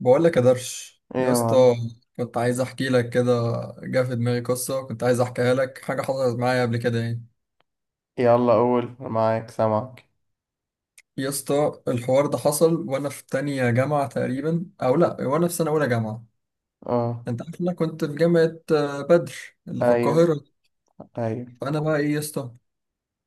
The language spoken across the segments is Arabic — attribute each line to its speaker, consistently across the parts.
Speaker 1: بقول لك يا درش
Speaker 2: ايه
Speaker 1: يا
Speaker 2: يا
Speaker 1: اسطى
Speaker 2: معلم؟
Speaker 1: مم. كنت عايز احكي لك كده. جه في دماغي قصه كنت عايز احكيها لك، حاجه حصلت معايا قبل كده يعني.
Speaker 2: يلا قول، أنا معاك سامعك.
Speaker 1: يا اسطى الحوار ده حصل وانا في تانية جامعه تقريبا، او لا وانا في سنه اولى جامعه.
Speaker 2: اه.
Speaker 1: انت عارف إن انا كنت في جامعه بدر اللي في
Speaker 2: ايوه.
Speaker 1: القاهره.
Speaker 2: ايوه.
Speaker 1: فانا بقى ايه يا اسطى،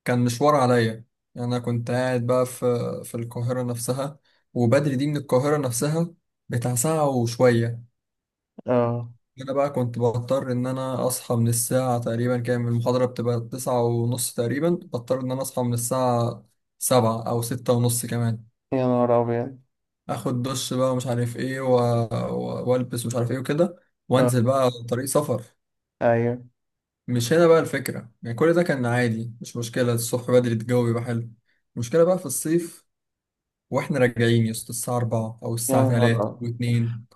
Speaker 1: كان مشوار عليا. يعني انا كنت قاعد بقى في القاهره نفسها، وبدر دي من القاهره نفسها، بتاع ساعه وشويه.
Speaker 2: اه،
Speaker 1: انا بقى كنت بضطر ان انا اصحى من الساعة تقريبا كام، المحاضرة بتبقى 9:30 تقريبا، بضطر ان انا اصحى من الساعة سبعة او 6:30 كمان.
Speaker 2: يا نهار ابيض.
Speaker 1: اخد دش بقى ومش عارف ايه والبس ومش عارف ايه وكده، وانزل
Speaker 2: اه،
Speaker 1: بقى طريق سفر.
Speaker 2: ايوه،
Speaker 1: مش هنا بقى الفكرة يعني، كل ده كان عادي مش مشكلة، الصبح بدري الجو بيبقى حلو. المشكلة بقى في الصيف، واحنا راجعين يا اسطى الساعة أربعة أو
Speaker 2: يا
Speaker 1: الساعة تلاتة
Speaker 2: نهار
Speaker 1: واتنين.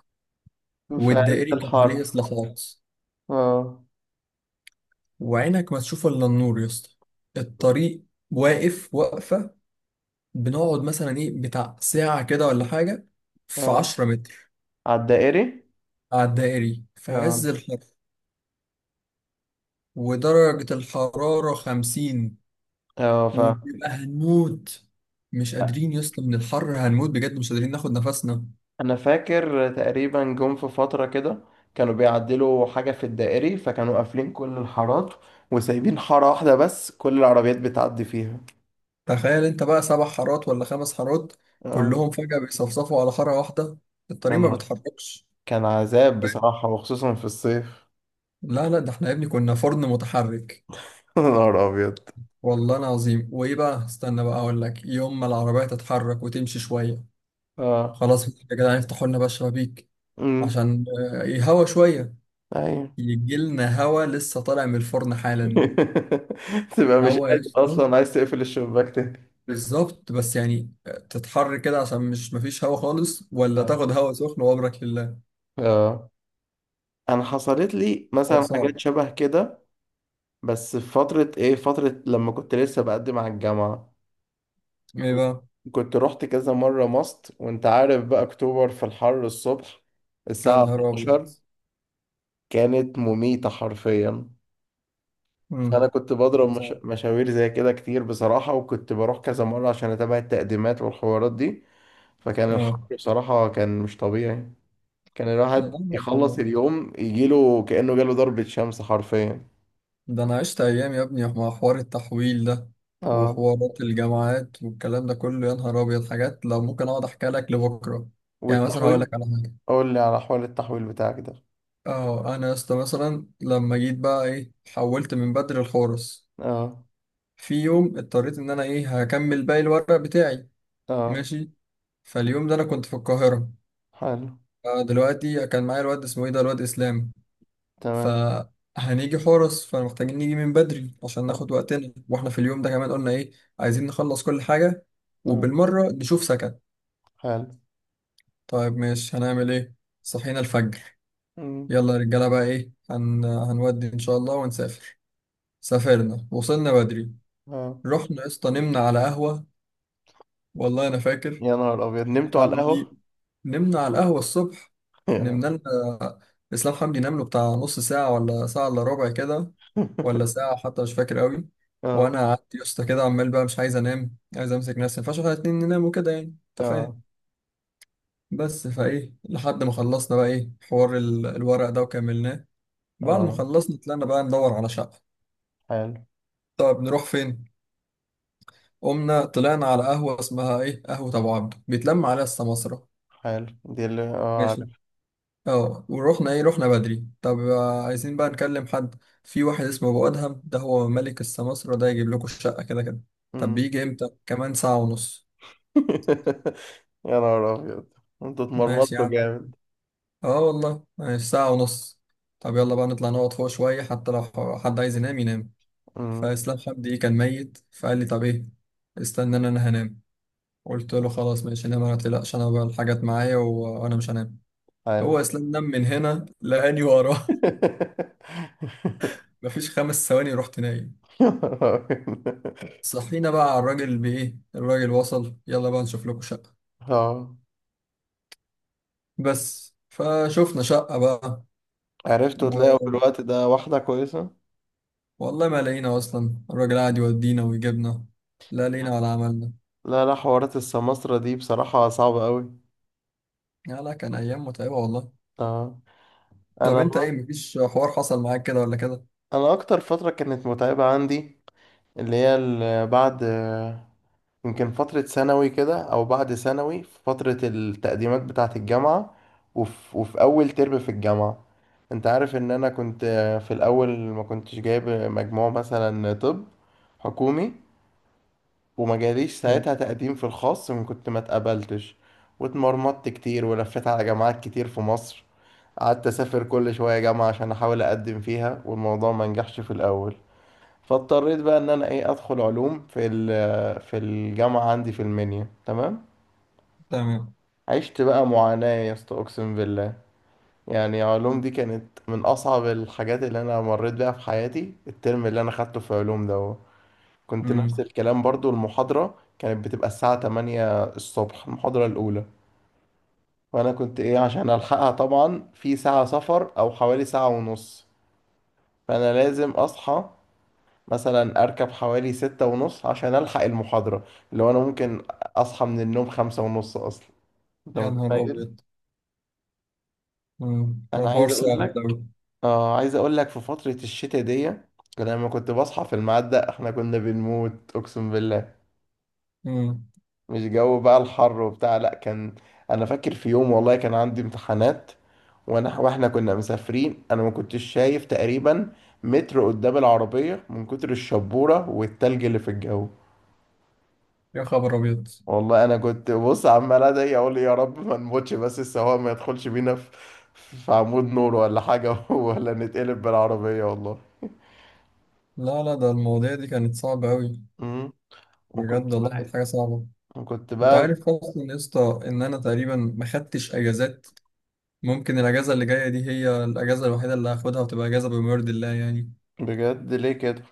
Speaker 2: ابيض في عز
Speaker 1: والدائري كان عليه
Speaker 2: الحر.
Speaker 1: إصلاحات،
Speaker 2: اه.
Speaker 1: وعينك ما تشوف الا النور يا اسطى. الطريق واقف واقفه، بنقعد مثلا ايه بتاع ساعه كده ولا حاجه في
Speaker 2: اه،
Speaker 1: 10 متر،
Speaker 2: على الدائري.
Speaker 1: على الدائري في
Speaker 2: اه.
Speaker 1: عز الحر ودرجه الحراره 50،
Speaker 2: اه،
Speaker 1: وبيبقى هنموت. مش قادرين يا اسطى من الحر، هنموت بجد مش قادرين ناخد نفسنا.
Speaker 2: انا فاكر تقريبا جم في فترة كده، كانوا بيعدلوا حاجة في الدائري، فكانوا قافلين كل الحارات وسايبين حارة واحدة بس كل العربيات بتعدي فيها.
Speaker 1: تخيل انت بقى، سبع حارات ولا خمس حارات
Speaker 2: اه،
Speaker 1: كلهم فجاه بيصفصفوا على حاره واحده،
Speaker 2: يا
Speaker 1: الطريق ما
Speaker 2: نهار،
Speaker 1: بيتحركش.
Speaker 2: كان عذاب
Speaker 1: فاهم؟
Speaker 2: بصراحة وخصوصا في الصيف.
Speaker 1: لا لا ده احنا يا ابني كنا فرن متحرك
Speaker 2: يا نهار ابيض.
Speaker 1: والله العظيم. وايه بقى، استنى بقى اقول لك، يوم ما العربيه تتحرك وتمشي شويه،
Speaker 2: اه.
Speaker 1: خلاص يا جدعان افتحوا لنا بقى الشبابيك
Speaker 2: امم.
Speaker 1: عشان يهوى شويه،
Speaker 2: ايوه.
Speaker 1: يجي لنا هوا لسه طالع من الفرن حالا.
Speaker 2: تبقى مش
Speaker 1: هوا يا
Speaker 2: قادر
Speaker 1: اسطى
Speaker 2: اصلا عايز تقفل الشباك تاني.
Speaker 1: بالظبط، بس يعني تتحر كده، عشان مش مفيش هوا خالص، ولا
Speaker 2: اه.
Speaker 1: تاخد هوا سخن وابرك لله.
Speaker 2: اه، انا حصلت لي
Speaker 1: حوار
Speaker 2: مثلا
Speaker 1: صعب.
Speaker 2: حاجات شبه كده، بس في فترة ايه، فترة لما كنت لسه بقدم على الجامعة.
Speaker 1: ايه
Speaker 2: كنت
Speaker 1: بقى.
Speaker 2: كنت رحت كذا مرة ماست، وانت عارف بقى اكتوبر في الحر الصبح،
Speaker 1: يا
Speaker 2: الساعة
Speaker 1: نهار ابيض.
Speaker 2: 12 كانت مميتة حرفيا. فانا
Speaker 1: امم
Speaker 2: كنت بضرب
Speaker 1: حوار
Speaker 2: مش...
Speaker 1: صعب.
Speaker 2: مشاوير زي كده كتير بصراحة، وكنت بروح كذا مرة عشان اتابع التقديمات والحوارات دي. فكان الحر
Speaker 1: اه
Speaker 2: بصراحة كان مش طبيعي. كان الواحد
Speaker 1: لا،
Speaker 2: يخلص اليوم يجيله كأنه جاله ضربة شمس حرفيا.
Speaker 1: ده انا عشت ايام يا ابني مع حوار التحويل ده،
Speaker 2: اه،
Speaker 1: وحوارات الجامعات والكلام ده كله، يا نهار ابيض حاجات لو ممكن اقعد احكي لك لبكره. يعني مثلا هقول
Speaker 2: والتحويل،
Speaker 1: لك على حاجه.
Speaker 2: قول لي على حوار التحويل بتاعك ده.
Speaker 1: اه انا يا اسطى مثلا لما جيت بقى ايه، حولت من بدر الحورس.
Speaker 2: اه.
Speaker 1: في يوم اضطريت ان انا ايه، هكمل باقي الورق بتاعي،
Speaker 2: اه.
Speaker 1: ماشي. فاليوم ده انا كنت في القاهره.
Speaker 2: حلو.
Speaker 1: دلوقتي كان معايا الواد اسمه ايه ده، الواد اسلام.
Speaker 2: تمام.
Speaker 1: فهنيجي حورس، فمحتاجين نيجي من بدري عشان
Speaker 2: اه.
Speaker 1: ناخد وقتنا، واحنا في اليوم ده كمان قلنا ايه، عايزين نخلص كل حاجة
Speaker 2: اه.
Speaker 1: وبالمرة نشوف سكن.
Speaker 2: حلو.
Speaker 1: طيب ماشي، هنعمل ايه. صحينا الفجر،
Speaker 2: مم.
Speaker 1: يلا يا رجالة بقى ايه هنودي ان شاء الله ونسافر. سافرنا وصلنا بدري،
Speaker 2: اه،
Speaker 1: رحنا يا اسطى نمنا على قهوة. والله انا فاكر،
Speaker 2: يا نهار أبيض نمتوا على
Speaker 1: حمدي،
Speaker 2: القهوة.
Speaker 1: نمنا على القهوة الصبح.
Speaker 2: اه.
Speaker 1: نمنا لنا، اسلام حمدي نام له بتاع نص ساعة ولا ساعة الا ربع كده، ولا ساعة حتى مش فاكر قوي.
Speaker 2: اه.
Speaker 1: وأنا قعدت يا اسطى كده عمال بقى مش عايز أنام، عايز أمسك نفسي، ما ينفعش إحنا الاتنين ننام وكده يعني، أنت
Speaker 2: اه.
Speaker 1: فاهم. بس فإيه، لحد ما خلصنا بقى إيه حوار الورق ده وكملناه. بعد ما
Speaker 2: آه.
Speaker 1: خلصنا طلعنا بقى ندور على شقة.
Speaker 2: حلو.
Speaker 1: طب نروح فين؟ قمنا طلعنا على قهوة اسمها إيه، قهوة أبو عبده بيتلم عليها السماسرة،
Speaker 2: حلو دي اللي اه
Speaker 1: ماشي.
Speaker 2: عارف.
Speaker 1: اه ورحنا ايه، رحنا بدري. طب عايزين بقى نكلم حد، في واحد اسمه ابو ادهم ده، هو ملك السماسرة، ده يجيب لكم الشقة كده كده. طب
Speaker 2: مم.
Speaker 1: بيجي امتى، كمان ساعة ونص.
Speaker 2: يا نهار أبيض، انتوا
Speaker 1: ماشي يا
Speaker 2: اتمرمطتوا
Speaker 1: عم،
Speaker 2: جامد.
Speaker 1: اه والله ماشي ساعة ونص. طب يلا بقى نطلع نقعد فوق شوية، حتى لو حد عايز ينام ينام.
Speaker 2: مم.
Speaker 1: فإسلام حمدي كان ميت، فقال لي طب إيه، استناني أنا، أنا هنام. قلت له خلاص ماشي نام ما تقلقش، أنا بقى الحاجات معايا، وأنا مش هنام.
Speaker 2: حلو.
Speaker 1: هو إسلام نام، من هنا لقاني وراه. مفيش 5 ثواني رحت نايم. صحينا بقى على الراجل بإيه، الراجل وصل، يلا بقى نشوف لكم شقة.
Speaker 2: اه،
Speaker 1: بس فشوفنا شقة
Speaker 2: عرفت تلاقوا في
Speaker 1: بقى.
Speaker 2: الوقت ده واحدة كويسة؟
Speaker 1: والله ما لقينا اصلا، الراجل قاعد يودينا ويجيبنا، لا لقينا ولا عملنا.
Speaker 2: لا، لا، حوارات السماسرة دي بصراحة صعبة قوي.
Speaker 1: لا لا كان ايام متعبه والله.
Speaker 2: اه،
Speaker 1: طب
Speaker 2: انا
Speaker 1: انت ايه، مفيش حوار حصل معاك كده ولا كده.
Speaker 2: انا اكتر فترة كانت متعبة عندي، اللي هي بعد، يمكن فترة ثانوي كده او بعد ثانوي، في فترة التقديمات بتاعة الجامعة. وفي اول ترم في الجامعة. انت عارف ان انا كنت في الاول ما كنتش جايب مجموع مثلا، طب حكومي، وما جاليش
Speaker 1: لا.
Speaker 2: ساعتها تقديم في الخاص، من كنت ما اتقبلتش واتمرمطت كتير ولفيت على جامعات كتير في مصر، قعدت اسافر كل شوية جامعة عشان احاول اقدم فيها والموضوع ما نجحش في الاول. فاضطريت بقى ان انا ايه ادخل علوم في في الجامعة عندي في المنيا. تمام،
Speaker 1: تمام.
Speaker 2: عشت بقى معاناة يا اسطى اقسم بالله. يعني علوم دي كانت من اصعب الحاجات اللي انا مريت بيها في حياتي. الترم اللي انا خدته في علوم ده كنت نفس
Speaker 1: امم.
Speaker 2: الكلام برضو، المحاضرة كانت بتبقى الساعة 8 الصبح المحاضرة الأولى. وأنا كنت إيه عشان ألحقها طبعا في ساعة سفر أو حوالي ساعة ونص، فأنا لازم أصحى مثلا أركب حوالي ستة ونص عشان ألحق المحاضرة. اللي هو أنا ممكن أصحى من النوم خمسة ونص أصلا. أنت
Speaker 1: يا نهار
Speaker 2: متخيل؟
Speaker 1: ابيض. ده
Speaker 2: أنا
Speaker 1: الحوار
Speaker 2: عايز أقول
Speaker 1: صعب
Speaker 2: لك،
Speaker 1: قوي.
Speaker 2: عايز أقول لك في فترة الشتاء دي لما كنت بصحى في الميعاد ده إحنا كنا بنموت أقسم بالله.
Speaker 1: امم.
Speaker 2: مش جو بقى الحر وبتاع، لا، كان انا فاكر في يوم والله كان عندي امتحانات، واحنا كنا مسافرين، انا ما كنتش شايف تقريبا متر قدام العربية من كتر الشبورة والتلج اللي في الجو.
Speaker 1: يا خبر ابيض.
Speaker 2: والله انا كنت بص عمال ادعي اقول يا رب ما نموتش، بس السواق ما يدخلش بينا في عمود نور ولا حاجة ولا نتقلب بالعربية والله.
Speaker 1: لا لا ده المواضيع دي كانت صعبه قوي،
Speaker 2: امم وكنت
Speaker 1: بجد والله كانت
Speaker 2: بقى
Speaker 1: حاجه صعبه.
Speaker 2: وكنت
Speaker 1: انت
Speaker 2: بقى
Speaker 1: عارف اصلا يا اسطى ان انا تقريبا ما خدتش اجازات، ممكن الاجازه اللي جايه دي هي الاجازه الوحيده اللي هاخدها، وتبقى اجازه بما يرضي الله يعني،
Speaker 2: بجد ليه كده.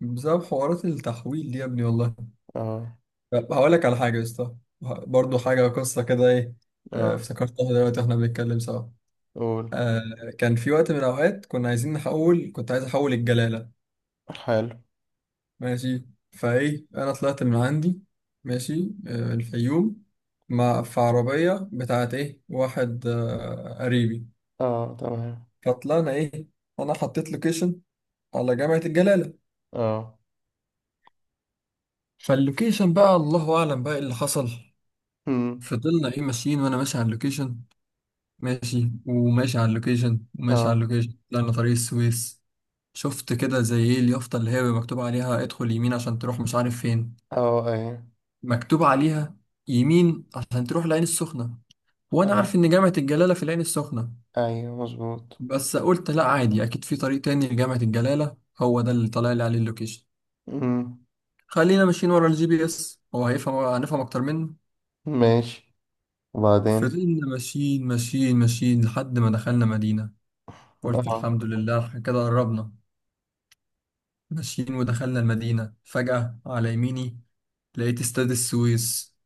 Speaker 1: بسبب حوارات التحويل دي يا ابني والله.
Speaker 2: اه.
Speaker 1: طب هقول لك على حاجة يا اسطى، برضه حاجة قصة كده ايه.
Speaker 2: اه.
Speaker 1: افتكرتها دلوقتي واحنا بنتكلم سوا.
Speaker 2: قول.
Speaker 1: آه، كان في وقت من الأوقات كنا عايزين نحول، كنت عايز أحول الجلالة،
Speaker 2: حلو.
Speaker 1: ماشي. فايه أنا طلعت من عندي ماشي، الفيوم، مع في عربية بتاعت ايه واحد قريبي.
Speaker 2: اه. تمام.
Speaker 1: فطلعنا ايه، أنا حطيت لوكيشن على جامعة الجلالة.
Speaker 2: اه.
Speaker 1: فاللوكيشن بقى الله أعلم بقى إيه اللي حصل.
Speaker 2: امم.
Speaker 1: فضلنا ايه ماشيين، وأنا ماشي على اللوكيشن، ماشي وماشي على اللوكيشن وماشي على
Speaker 2: اه.
Speaker 1: اللوكيشن، طلعنا طريق السويس. شفت كده زي ايه اليافطة اللي هي مكتوب عليها، ادخل يمين عشان تروح مش عارف فين،
Speaker 2: اه. ايوه.
Speaker 1: مكتوب عليها يمين عشان تروح العين السخنة، وانا
Speaker 2: حلو.
Speaker 1: عارف ان جامعة الجلالة في العين السخنة.
Speaker 2: ايوه، مظبوط.
Speaker 1: بس قلت لا عادي، اكيد في طريق تاني لجامعة الجلالة، هو ده اللي طلع لي عليه اللوكيشن.
Speaker 2: امم.
Speaker 1: خلينا ماشيين ورا الجي بي اس، هو هيفهم، هنفهم اكتر منه.
Speaker 2: ماشي، وبعدين.
Speaker 1: فضلنا ماشيين ماشيين ماشيين لحد ما دخلنا مدينة، قلت
Speaker 2: اه.
Speaker 1: الحمد لله إحنا كده قربنا. ماشيين ودخلنا المدينة، فجأة على يميني لقيت استاد السويس.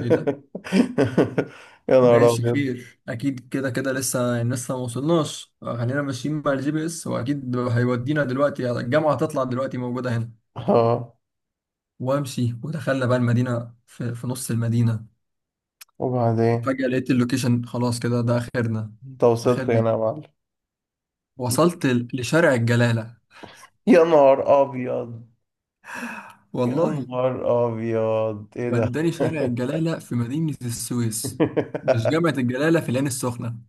Speaker 1: ايه ده؟
Speaker 2: يا نهار
Speaker 1: ماشي
Speaker 2: ابيض.
Speaker 1: خير، اكيد كده كده لسه يعني، لسه ما وصلناش. خلينا ماشيين مع الجي بي اس، واكيد هيودينا دلوقتي يعني الجامعة هتطلع دلوقتي موجودة هنا.
Speaker 2: اه،
Speaker 1: وامشي، ودخلنا بقى المدينة في نص المدينة،
Speaker 2: وبعدين،
Speaker 1: فجأة لقيت اللوكيشن، خلاص كده ده اخرنا.
Speaker 2: انت وصلت
Speaker 1: اخرنا،
Speaker 2: هنا يا معلم؟
Speaker 1: وصلت لشارع الجلالة،
Speaker 2: يا نهار ابيض. يا
Speaker 1: والله.
Speaker 2: نهار ابيض ايه ده؟
Speaker 1: وداني شارع الجلالة في مدينة السويس، مش جامعة الجلالة في العين السخنة.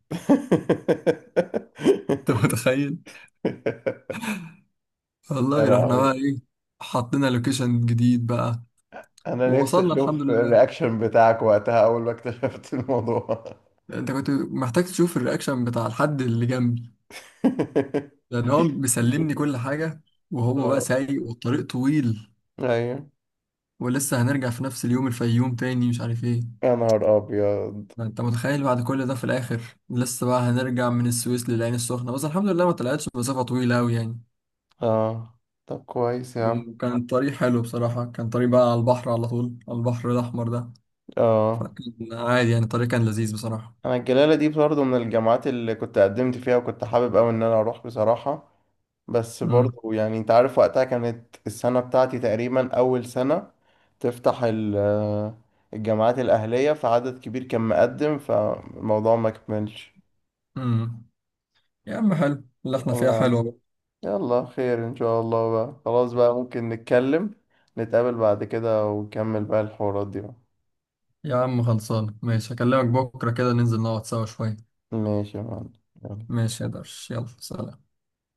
Speaker 1: انت متخيل؟
Speaker 2: يا
Speaker 1: والله رحنا بقى
Speaker 2: لهوي.
Speaker 1: ايه، حطينا لوكيشن جديد بقى،
Speaker 2: انا نفسي
Speaker 1: ووصلنا الحمد
Speaker 2: اشوف
Speaker 1: لله.
Speaker 2: الرياكشن بتاعك وقتها اول ما اكتشفت الموضوع.
Speaker 1: انت كنت محتاج تشوف الرياكشن بتاع الحد اللي جنبي، لان هو بيسلمني كل حاجه، وهو بقى
Speaker 2: اه.
Speaker 1: سايق والطريق طويل،
Speaker 2: ايوه.
Speaker 1: ولسه هنرجع في نفس اليوم الفيوم تاني مش عارف ايه.
Speaker 2: يا نهار ابيض.
Speaker 1: ما انت متخيل، بعد كل ده في الاخر لسه بقى هنرجع من السويس للعين السخنه، بس الحمد لله ما طلعتش مسافه طويله قوي يعني.
Speaker 2: اه، طب كويس يا عم.
Speaker 1: وكان الطريق حلو بصراحه، كان طريق بقى على البحر على طول، على البحر الاحمر ده،
Speaker 2: اه،
Speaker 1: فكان عادي يعني الطريق كان لذيذ بصراحه.
Speaker 2: انا الجلاله دي برضه من الجامعات اللي كنت قدمت فيها، وكنت حابب قوي ان انا اروح بصراحه. بس
Speaker 1: امم.
Speaker 2: برضه يعني، انت عارف وقتها كانت السنه بتاعتي تقريبا اول سنه تفتح الجامعات الاهليه، فعدد كبير كان مقدم، فالموضوع ما كملش.
Speaker 1: امم. يا عم حلو اللي احنا فيها حلوة بقى.
Speaker 2: يلا، خير ان شاء الله بقى، خلاص بقى، ممكن نتكلم، نتقابل بعد كده ونكمل بقى الحوارات دي بقى.
Speaker 1: يا عم خلصان ماشي، هكلمك بكرة كده ننزل نقعد سوا شوية.
Speaker 2: ماشي يا معلم.
Speaker 1: ماشي يا
Speaker 2: يلا.
Speaker 1: درش، يلا سلام.